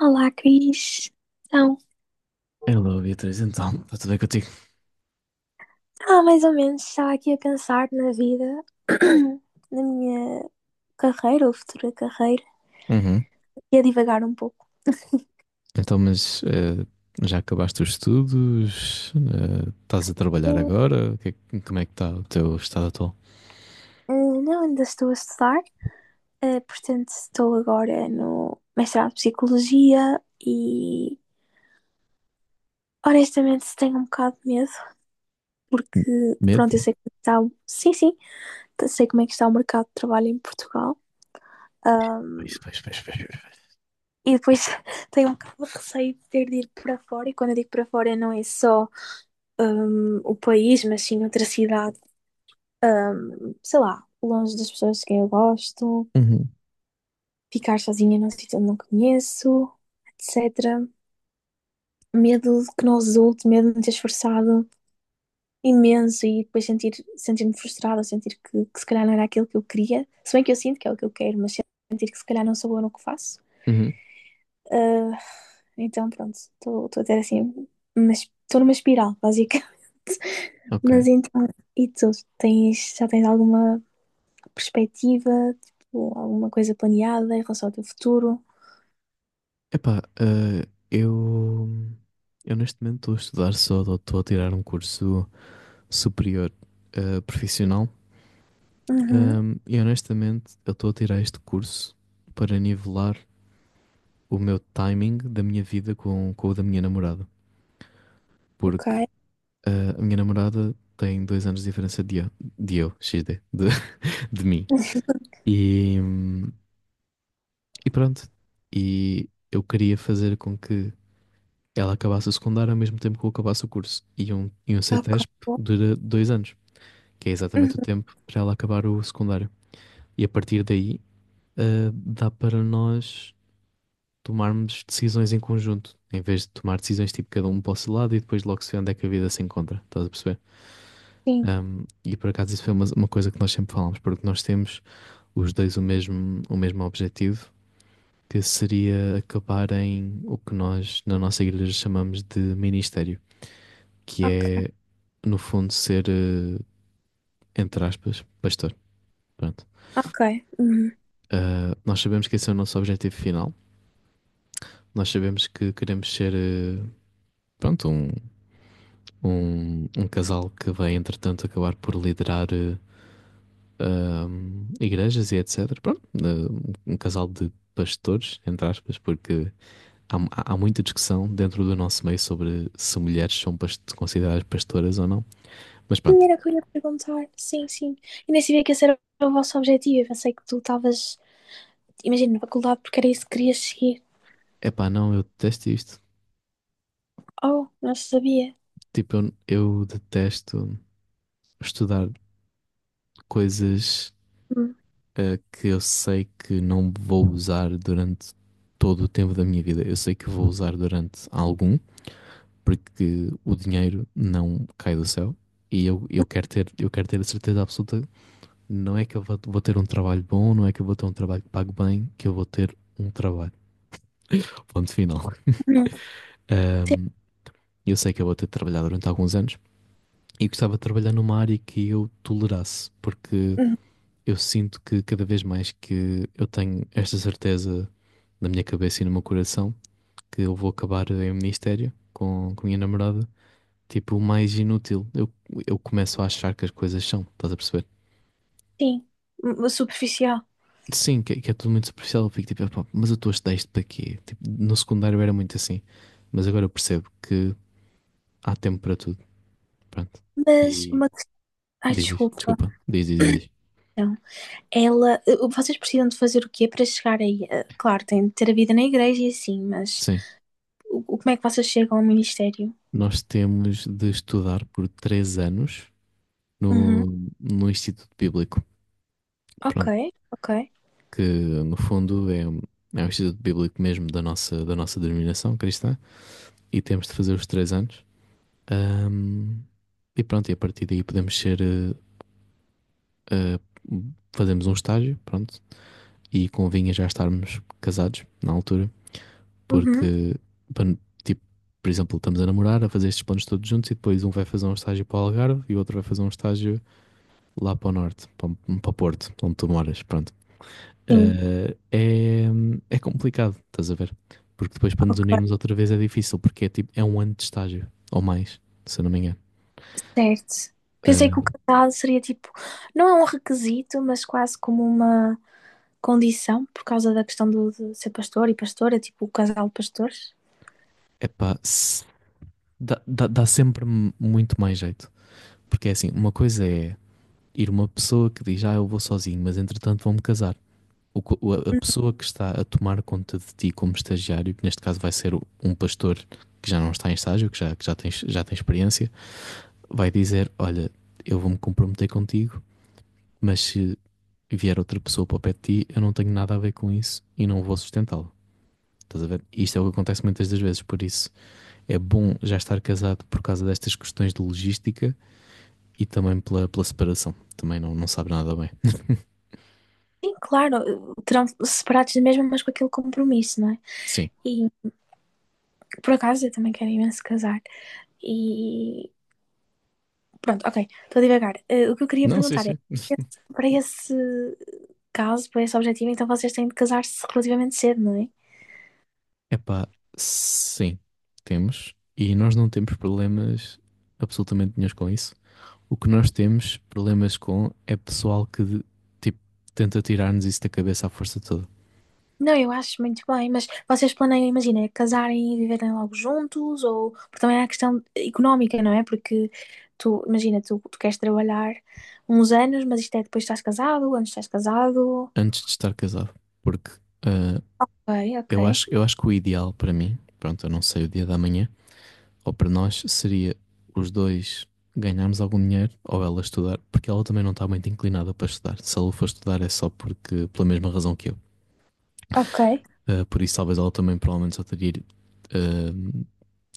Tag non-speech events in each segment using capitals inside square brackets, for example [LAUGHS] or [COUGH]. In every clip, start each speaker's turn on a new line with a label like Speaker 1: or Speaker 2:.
Speaker 1: Olá, Cris. Então,
Speaker 2: Hello, Beatriz, então, está tudo bem contigo?
Speaker 1: mais ou menos, estava aqui a pensar na vida, [CLEARS THROAT] na minha carreira ou futura carreira,
Speaker 2: Uhum.
Speaker 1: e a divagar um pouco.
Speaker 2: Então, mas, já acabaste os estudos? Estás a trabalhar
Speaker 1: Eh,
Speaker 2: agora? O que é que- como é que está o teu estado atual?
Speaker 1: Não, ainda estou a estudar, portanto, estou agora no mestrado de Psicologia e, honestamente, tenho um bocado de medo, porque, pronto,
Speaker 2: Medo?
Speaker 1: eu sei como está Sim, sim, sei como é que está o mercado de trabalho em Portugal.
Speaker 2: Pois, pois, pois, pois, pois.
Speaker 1: E depois [LAUGHS] tenho um bocado de receio de ter de ir para fora, e quando eu digo para fora não é só o país, mas sim outra cidade, sei lá, longe das pessoas que eu gosto,
Speaker 2: Uhum.
Speaker 1: ficar sozinha num sítio onde não conheço, etc. Medo que não resulte, medo de me ter esforçado imenso e depois sentir-me frustrada, sentir que se calhar não era aquilo que eu queria, se bem que eu sinto que é o que eu quero, mas sentir que se calhar não sou boa no que faço.
Speaker 2: Uhum.
Speaker 1: Ah, então, pronto, estou a ter assim, mas estou numa espiral, básica. [LAUGHS]
Speaker 2: Ok.
Speaker 1: Mas então, e tu? Já tens alguma perspectiva, tipo, alguma coisa planeada em relação ao teu futuro?
Speaker 2: Epá, eu neste momento estou a estudar só, estou a tirar um curso superior, profissional.
Speaker 1: Uhum.
Speaker 2: E honestamente eu estou a tirar este curso para nivelar o meu timing da minha vida com o da minha namorada.
Speaker 1: Ok,
Speaker 2: Porque a minha namorada tem 2 anos de diferença de eu, XD, [LAUGHS] de mim. E, hum, e pronto. E eu queria fazer com que ela acabasse o secundário ao mesmo tempo que eu acabasse o curso. E um
Speaker 1: ok.
Speaker 2: CETESP
Speaker 1: Boa.
Speaker 2: dura 2 anos, que é
Speaker 1: Uhum,
Speaker 2: exatamente o tempo para ela acabar o secundário. E a partir daí, dá para nós tomarmos decisões em conjunto, em vez de tomar decisões tipo cada um para o seu lado e depois logo se vê onde é que a vida se encontra. Estás a perceber?
Speaker 1: sim,
Speaker 2: E por acaso isso foi uma coisa que nós sempre falámos, porque nós temos os dois o mesmo objetivo, que seria acabar em o que nós na nossa igreja chamamos de ministério, que
Speaker 1: ok,
Speaker 2: é no fundo ser, entre aspas, pastor. Pronto.
Speaker 1: ok. Uhum.
Speaker 2: Ah, nós sabemos que esse é o nosso objetivo final, nós sabemos que queremos ser, pronto, um, um casal que vai entretanto acabar por liderar, igrejas, e etc. Pronto, um casal de pastores, entre aspas, porque há muita discussão dentro do nosso meio sobre se mulheres são consideradas pastoras ou não. Mas
Speaker 1: Sim,
Speaker 2: pronto,
Speaker 1: era o que eu ia perguntar. Sim, sim. E nem sabia que esse era o vosso objetivo. Eu pensei que tu estavas, imagina, na faculdade porque era isso que querias seguir.
Speaker 2: é pá, não, eu detesto isto.
Speaker 1: Oh, não sabia.
Speaker 2: Tipo, eu, detesto estudar coisas,
Speaker 1: Uhum.
Speaker 2: que eu sei que não vou usar durante todo o tempo da minha vida. Eu sei que vou usar durante algum, porque o dinheiro não cai do céu e eu, quero ter, eu quero ter a certeza absoluta, não é que eu vou, ter um trabalho bom, não é que eu vou ter um trabalho que pague bem, que eu vou ter um trabalho. Ponto final.
Speaker 1: Uhum. Sim,
Speaker 2: Ahm, eu sei que eu vou ter de trabalhar durante alguns anos, e gostava de trabalhar numa área que eu tolerasse, porque
Speaker 1: uhum.
Speaker 2: eu sinto que cada vez mais que eu tenho esta certeza na minha cabeça e no meu coração, que eu vou acabar em ministério com a minha namorada. Tipo, o mais inútil. Eu, começo a achar que as coisas são, estás a perceber?
Speaker 1: Sim. Superficial.
Speaker 2: Sim, que é tudo muito superficial. Eu fico tipo, "Epá, mas eu estou a estudar isto para quê?" Tipo, no secundário era muito assim, mas agora eu percebo que há tempo para tudo. Pronto.
Speaker 1: Mas
Speaker 2: E
Speaker 1: uma questão. Ai,
Speaker 2: diz, diz,
Speaker 1: desculpa.
Speaker 2: desculpa, diz, diz, diz, diz.
Speaker 1: Então, vocês precisam de fazer o quê para chegar aí? Claro, tem de ter a vida na igreja e assim, mas
Speaker 2: Sim,
Speaker 1: como é que vocês chegam ao ministério?
Speaker 2: nós temos de estudar por 3 anos
Speaker 1: Uhum.
Speaker 2: no, no Instituto Bíblico.
Speaker 1: Ok,
Speaker 2: Pronto,
Speaker 1: ok.
Speaker 2: que no fundo é, é o Instituto Bíblico mesmo da nossa denominação cristã, e temos de fazer os 3 anos. Ahm, e pronto, e a partir daí podemos ser. Eh, Fazemos um estágio, pronto. E convinha já estarmos casados na altura,
Speaker 1: Uhum.
Speaker 2: porque, pan- tipo, por exemplo, estamos a namorar, a fazer estes planos todos juntos, e depois um vai fazer um estágio para o Algarve e o outro vai fazer um estágio lá para o norte, para Porto, onde tu moras, pronto.
Speaker 1: Sim,
Speaker 2: Eh, é, é complicado, estás a ver? Porque depois para nos
Speaker 1: ok,
Speaker 2: unirmos outra vez é difícil, porque é tipo, é um ano de estágio, ou mais, se eu não me engano.
Speaker 1: certo.
Speaker 2: Eh,
Speaker 1: Pensei que o casal seria tipo. Não é um requisito, mas quase como uma condição, por causa da questão do, de ser pastor e pastora, tipo o casal de pastores.
Speaker 2: Epá, dá sempre muito mais jeito. Porque é assim, uma coisa é ir uma pessoa que diz, ah, eu vou sozinho, mas entretanto vou-me casar. O co- o- a pessoa que está a tomar conta de ti como estagiário, que neste caso vai ser um pastor que já não está em estágio, que já, já tem experiência, vai dizer, olha, eu vou-me comprometer contigo, mas se vier outra pessoa para o pé de ti, eu não tenho nada a ver com isso, e não vou sustentá-lo. Estás a ver? Isto é o que acontece muitas das vezes, por isso é bom já estar casado por causa destas questões de logística e também pela separação. Também não, sabe nada bem.
Speaker 1: Sim, claro, terão separados mesmo, mas com aquele compromisso, não é?
Speaker 2: Sim.
Speaker 1: E por acaso, eu também quero imenso casar. E pronto, ok, estou a divagar. O que eu queria
Speaker 2: Não, sim,
Speaker 1: perguntar é,
Speaker 2: sim.
Speaker 1: para esse caso, para esse objetivo, então vocês têm de casar-se relativamente cedo, não é?
Speaker 2: Epá, sim, temos. E nós não temos problemas absolutamente nenhum com isso. O que nós temos problemas com é pessoal que tipo, tenta tirar-nos isso da cabeça à força toda,
Speaker 1: Não, eu acho muito bem, mas vocês planeiam, imagina, casarem e viverem logo juntos, ou porque também há a questão económica, não é? Porque tu, imagina, tu queres trabalhar uns anos, mas isto é depois estás casado, antes estás casado.
Speaker 2: antes de estar casado. Porque ah,
Speaker 1: Ok, ok.
Speaker 2: eu acho que o ideal para mim, pronto, eu não sei o dia da manhã, ou para nós, seria os dois ganharmos algum dinheiro, ou ela estudar, porque ela também não está muito inclinada para estudar. Se ela for estudar é só porque, pela mesma razão que eu.
Speaker 1: Ok.
Speaker 2: Ah, por isso, talvez ela também provavelmente só teria, ah,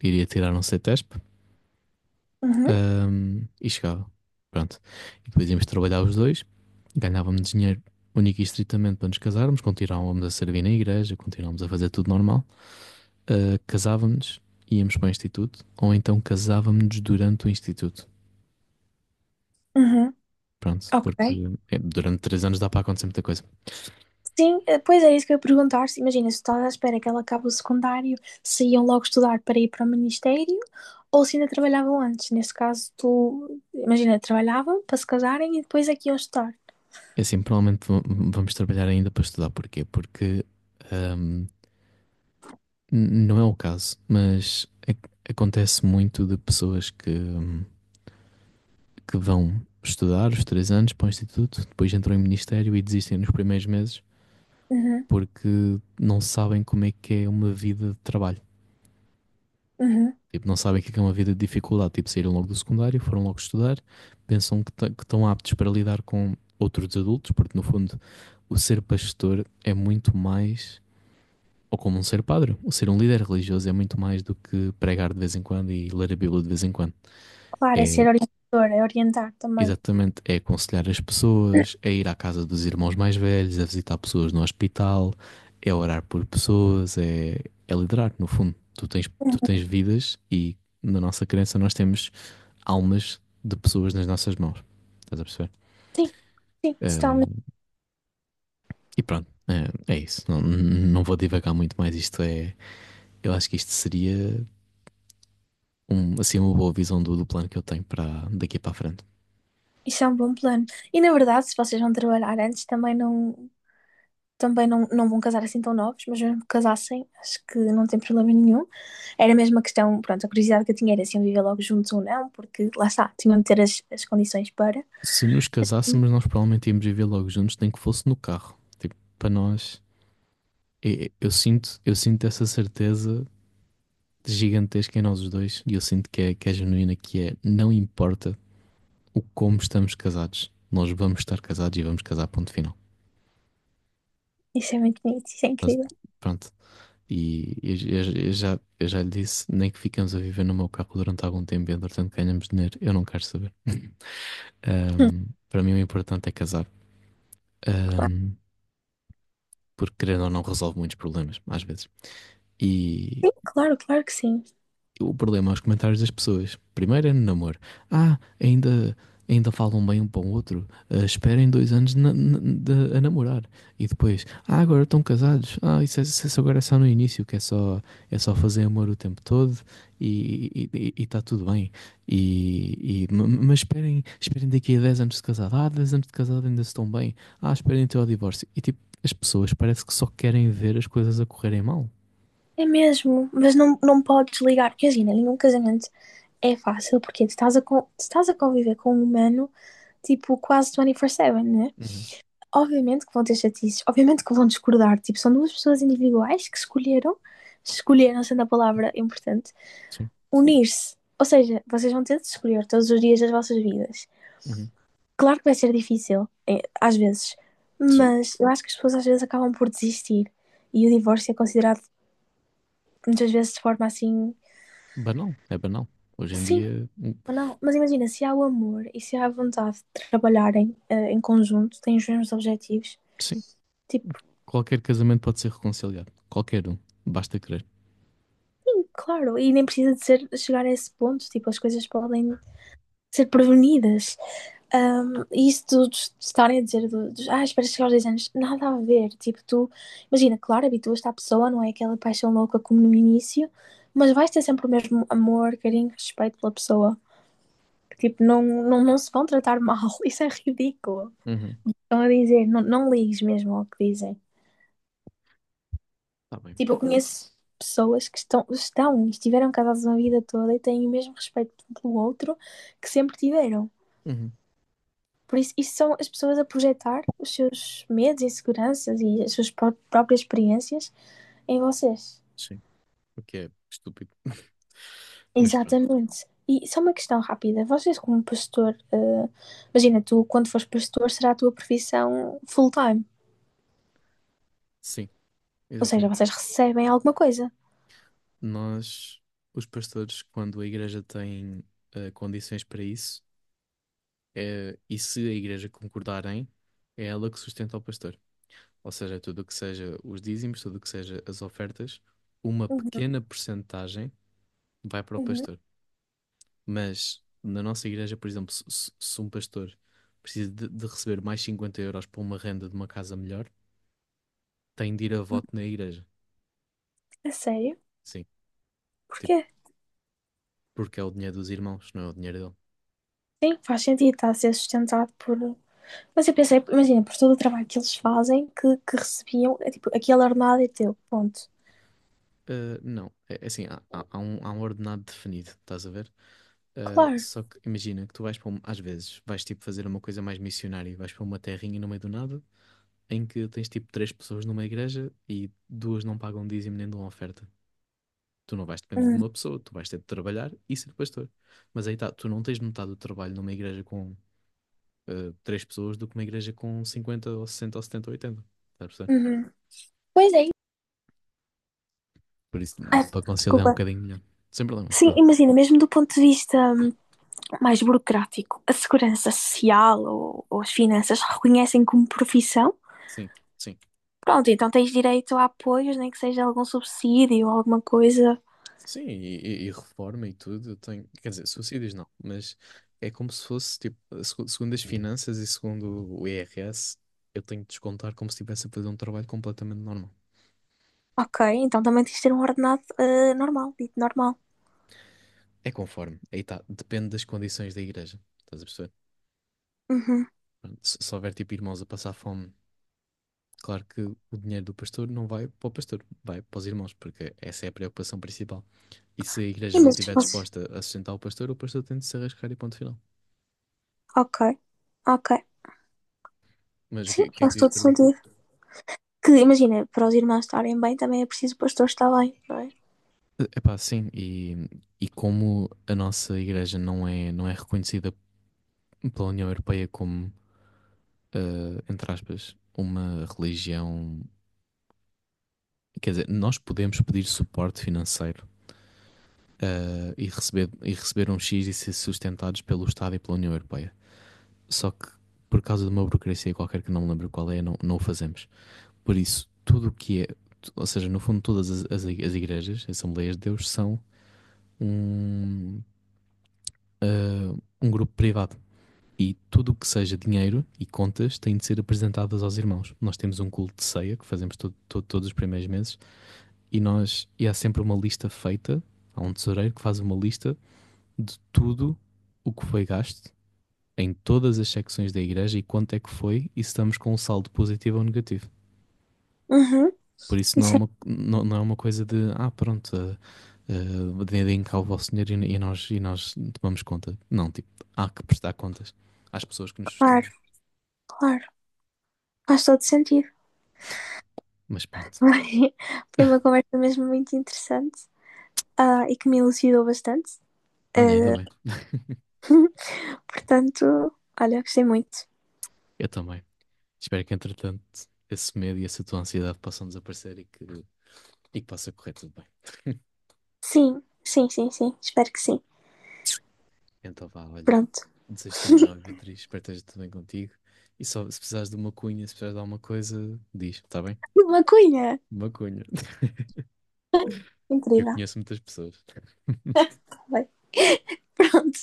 Speaker 2: iria tirar um CETESP, ah, e S P,
Speaker 1: Uhum,
Speaker 2: e chegava. Pronto. E depois íamos trabalhar os dois, ganhávamos dinheiro único e estritamente para nos casarmos, continuávamos a servir na igreja, continuávamos a fazer tudo normal, ah, casávamos, íamos para o instituto, ou então casávamos durante o instituto.
Speaker 1: uhum,
Speaker 2: Pronto,
Speaker 1: ok.
Speaker 2: porque é, durante 3 anos dá para acontecer muita coisa.
Speaker 1: Sim, pois é isso que eu ia perguntar. Imagina, se estás à espera que ela acabe o secundário, se iam logo estudar para ir para o ministério ou se ainda trabalhavam antes. Nesse caso, tu, imagina, trabalhavam para se casarem e depois aqui iam estudar.
Speaker 2: É assim, provavelmente vamos trabalhar ainda para estudar. Porquê? Porque hum, não é o caso, mas acontece muito de pessoas que, que vão estudar os 3 anos para o instituto, depois entram em ministério e desistem nos primeiros meses,
Speaker 1: Uhum,
Speaker 2: porque não sabem como é que é uma vida de trabalho.
Speaker 1: uhum.
Speaker 2: Tipo, não sabem o que é uma vida de dificuldade. Tipo, saíram logo do secundário, foram logo estudar, pensam que que estão aptos para lidar com outros adultos, porque no fundo o ser pastor é muito mais, ou como um ser padre, o ser um líder religioso é muito mais do que pregar de vez em quando e ler a Bíblia de vez em quando.
Speaker 1: Claro, é ser
Speaker 2: É
Speaker 1: orientador, é orientar também.
Speaker 2: exatamente, é aconselhar as pessoas, é ir à casa dos irmãos mais velhos, é visitar pessoas no hospital, é orar por pessoas, é liderar, no fundo. Tu tens, tu
Speaker 1: Uhum.
Speaker 2: tens vidas, e na nossa crença nós temos almas de pessoas nas nossas mãos. Estás a perceber?
Speaker 1: Sim, sim,
Speaker 2: Eh,
Speaker 1: totalmente.
Speaker 2: e pronto, é isso. Não, não vou divagar muito mais. Isto é, eu acho que isto seria, assim, uma boa visão do plano que eu tenho para daqui para a frente.
Speaker 1: Isso é um bom plano. E na verdade, se vocês vão trabalhar antes, também não, não vão casar assim tão novos, mas mesmo que casassem, acho que não tem problema nenhum. Era mesmo a questão, pronto, a curiosidade que eu tinha era se iam viver logo juntos ou não, porque lá está, tinham de ter as condições para.
Speaker 2: Se nos casássemos, nós provavelmente íamos viver logo juntos, nem que fosse no carro. Tipo, para nós, eu, sinto, eu sinto essa certeza gigantesca em nós os dois, e eu sinto que é genuína, que é, não importa o como estamos casados, nós vamos estar casados e vamos casar, ponto final.
Speaker 1: Isso é muito bonito, isso é
Speaker 2: Mas,
Speaker 1: incrível.
Speaker 2: pronto. E eu, eu já lhe disse, nem que ficamos a viver no meu carro durante algum tempo e entretanto ganhamos dinheiro, eu não quero saber. [LAUGHS]
Speaker 1: Hum,
Speaker 2: Para mim o importante é casar.
Speaker 1: claro,
Speaker 2: Ahm, porque querendo ou não resolve muitos problemas, às vezes. E,
Speaker 1: sim, claro, claro que sim.
Speaker 2: o problema é os comentários das pessoas. Primeiro é no namoro. Ah, ainda, falam bem um para o outro. Ah, esperem 2 anos a namorar. E depois, ah, agora estão casados. Ah, isso, isso agora é só no início, que é só fazer amor o tempo todo, e está tudo bem. E, e- mas esperem, daqui a 10 anos de casado. Ah, 10 anos de casado ainda estão bem. Ah, esperem até ao divórcio. E tipo, as pessoas parece que só querem ver as coisas a correrem mal.
Speaker 1: É mesmo, mas não, não podes ligar, porque imagina, nenhum casamento é fácil, porque tu estás a conviver com um humano, tipo, quase 24/7, né?
Speaker 2: Uhum.
Speaker 1: Obviamente que vão ter chatices, obviamente que vão discordar. Tipo, são duas pessoas individuais que escolheram, escolheram, sendo a palavra importante,
Speaker 2: Sim.
Speaker 1: unir-se. Ou seja, vocês vão ter de escolher todos os dias das vossas vidas.
Speaker 2: Uhum.
Speaker 1: Claro que vai ser difícil, às vezes,
Speaker 2: Sim.
Speaker 1: mas eu acho que as pessoas às vezes acabam por desistir. E o divórcio é considerado muitas vezes de forma assim,
Speaker 2: Banal, é banal. Hoje em
Speaker 1: sim,
Speaker 2: dia,
Speaker 1: ou não. Mas imagina, se há o amor e se há a vontade de trabalharem em conjunto, têm os mesmos objetivos,
Speaker 2: sim,
Speaker 1: tipo,
Speaker 2: qualquer casamento pode ser reconciliado. Qualquer um, basta querer.
Speaker 1: claro, e nem precisa de ser, chegar a esse ponto, tipo, as coisas podem ser prevenidas. Um, e isso de estarem a dizer, dos, ah, espera chegar aos 10 anos, nada a ver. Tipo, tu, imagina, claro, habituas-te à pessoa, não é aquela paixão louca como no início, mas vais ter sempre o mesmo amor, carinho, respeito pela pessoa. Tipo, não, não, não se vão tratar mal, [LAUGHS] isso é ridículo.
Speaker 2: Uhum.
Speaker 1: Estão a dizer, não, não ligues mesmo ao que dizem.
Speaker 2: Tá bem.
Speaker 1: Tipo, eu conheço pessoas que estiveram casadas uma vida toda e têm o mesmo respeito um pelo outro que sempre tiveram.
Speaker 2: Uhum.
Speaker 1: Por isso, isso são as pessoas a projetar os seus medos, inseguranças e as suas próprias experiências em vocês.
Speaker 2: Sim, o que é estúpido. [LAUGHS] Mas pronto,
Speaker 1: Exatamente. E só uma questão rápida. Vocês, como pastor, imagina, tu, quando fores pastor, será a tua profissão full-time.
Speaker 2: sim,
Speaker 1: Ou seja,
Speaker 2: exatamente.
Speaker 1: vocês recebem alguma coisa.
Speaker 2: Nós, os pastores, quando a igreja tem, condições para isso, e se a igreja concordarem, é ela que sustenta o pastor. Ou seja, é tudo o que seja os dízimos, tudo o que seja as ofertas, uma
Speaker 1: Uhum,
Speaker 2: pequena porcentagem vai para o
Speaker 1: uhum.
Speaker 2: pastor. Mas na nossa igreja, por exemplo, se um pastor precisa de receber mais 50 euros para uma renda de uma casa melhor, tem de ir a voto na igreja.
Speaker 1: A sério?
Speaker 2: Sim, tipo,
Speaker 1: Porquê?
Speaker 2: porque é o dinheiro dos irmãos, não é o dinheiro dele.
Speaker 1: Sim, faz sentido estar a ser sustentado por, mas eu pensei, imagina, por todo o trabalho que eles fazem, que recebiam, é tipo, aquele ordenado é teu, ponto.
Speaker 2: Ah, não, é assim, há um ordenado definido, estás a ver? Ah,
Speaker 1: Claro.
Speaker 2: só que imagina que tu vais para, às vezes, vais tipo fazer uma coisa mais missionária, vais para uma terrinha no meio do nada, em que tens tipo 3 pessoas numa igreja e duas não pagam dízimo nem dão oferta. Tu não vais depender de
Speaker 1: Hum,
Speaker 2: uma pessoa, tu vais ter de trabalhar e ser pastor. Mas aí está, tu não tens metade do trabalho numa igreja com, 3 pessoas, do que uma igreja com 50, ou 60 ou 70 ou 80. Estás a perceber?
Speaker 1: uhum. Pois é.
Speaker 2: Por isso, dá
Speaker 1: Ai,
Speaker 2: para conciliar um
Speaker 1: desculpa.
Speaker 2: bocadinho melhor. Sem problema, sem
Speaker 1: Sim,
Speaker 2: problema.
Speaker 1: imagina, mesmo do ponto de vista mais burocrático, a segurança social ou as finanças reconhecem como profissão.
Speaker 2: Sim, sim.
Speaker 1: Pronto, então tens direito a apoios, nem que seja algum subsídio ou alguma coisa.
Speaker 2: Sim, e reforma e tudo, eu tenho, quer dizer, suicídios não, mas é como se fosse, tipo, segundo as finanças e segundo o IRS, eu tenho de descontar como se estivesse a fazer um trabalho completamente normal.
Speaker 1: Ok, então também tens de ter um ordenado normal, dito normal.
Speaker 2: É conforme, aí está, depende das condições da igreja, estás a perceber?
Speaker 1: Uhum.
Speaker 2: Pronto, se houver tipo irmãos a passar fome, claro que o dinheiro do pastor não vai para o pastor, vai para os irmãos, porque essa é a preocupação principal. E se a
Speaker 1: E
Speaker 2: igreja não
Speaker 1: mas
Speaker 2: estiver
Speaker 1: vocês-
Speaker 2: disposta a sustentar o pastor tem de se arriscar, e ponto final.
Speaker 1: Ok, ok.
Speaker 2: Mas
Speaker 1: Sim,
Speaker 2: o que é que
Speaker 1: faz
Speaker 2: tu ias
Speaker 1: todo
Speaker 2: perguntar?
Speaker 1: sentido. Que imagina, para os irmãos estarem bem, também é preciso o pastor estar bem, não é?
Speaker 2: Epá sim, e como a nossa igreja não é, não é reconhecida pela União Europeia como, eh, entre aspas, uma religião. Quer dizer, nós podemos pedir suporte financeiro, e receber um X e ser sustentados pelo Estado e pela União Europeia. Só que por causa de uma burocracia qualquer que não me lembro qual é, não, o fazemos. Por isso, tudo o que é, ou seja, no fundo, todas as, as igrejas, Assembleias de Deus, são um, ah, um grupo privado. E tudo o que seja dinheiro e contas tem de ser apresentadas aos irmãos. Nós temos um culto de ceia que fazemos todos os primeiros meses, e, e há sempre uma lista feita. Há um tesoureiro que faz uma lista de tudo o que foi gasto em todas as secções da igreja, e quanto é que foi, e se estamos com um saldo positivo ou negativo.
Speaker 1: Uhum,
Speaker 2: Por isso não é
Speaker 1: isso é
Speaker 2: uma, não é uma coisa de, ah, pronto, deem cá o vosso dinheiro, e nós tomamos conta. Não, tipo, há que prestar contas às pessoas que nos
Speaker 1: claro,
Speaker 2: sustentam.
Speaker 1: claro. Faz todo sentido.
Speaker 2: Mas
Speaker 1: [LAUGHS]
Speaker 2: pronto,
Speaker 1: Foi foi uma conversa mesmo muito interessante, ah, e que me elucidou bastante.
Speaker 2: olha, ainda
Speaker 1: Ah,
Speaker 2: bem.
Speaker 1: portanto, olha, gostei muito.
Speaker 2: Eu também. Espero que, entretanto, esse medo e essa tua ansiedade possam desaparecer, e que possa correr tudo bem.
Speaker 1: Sim, sim, sim, sim. Espero que sim.
Speaker 2: Então vá, olha,
Speaker 1: Pronto.
Speaker 2: desejo-te o melhor, Beatriz. Espero que esteja tudo bem contigo. E só se precisares de uma cunha, se precisares de alguma coisa, diz, está bem?
Speaker 1: [LAUGHS] Uma cunha!
Speaker 2: Uma cunha. [LAUGHS] Que eu
Speaker 1: Incrível.
Speaker 2: conheço muitas pessoas.
Speaker 1: Tá bem. Pronto.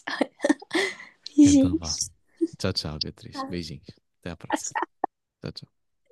Speaker 2: Então vá.
Speaker 1: Beijinhos.
Speaker 2: Tchau, tchau, Beatriz. Beijinhos. Até à próxima.
Speaker 1: Tchau.
Speaker 2: Tchau, tchau.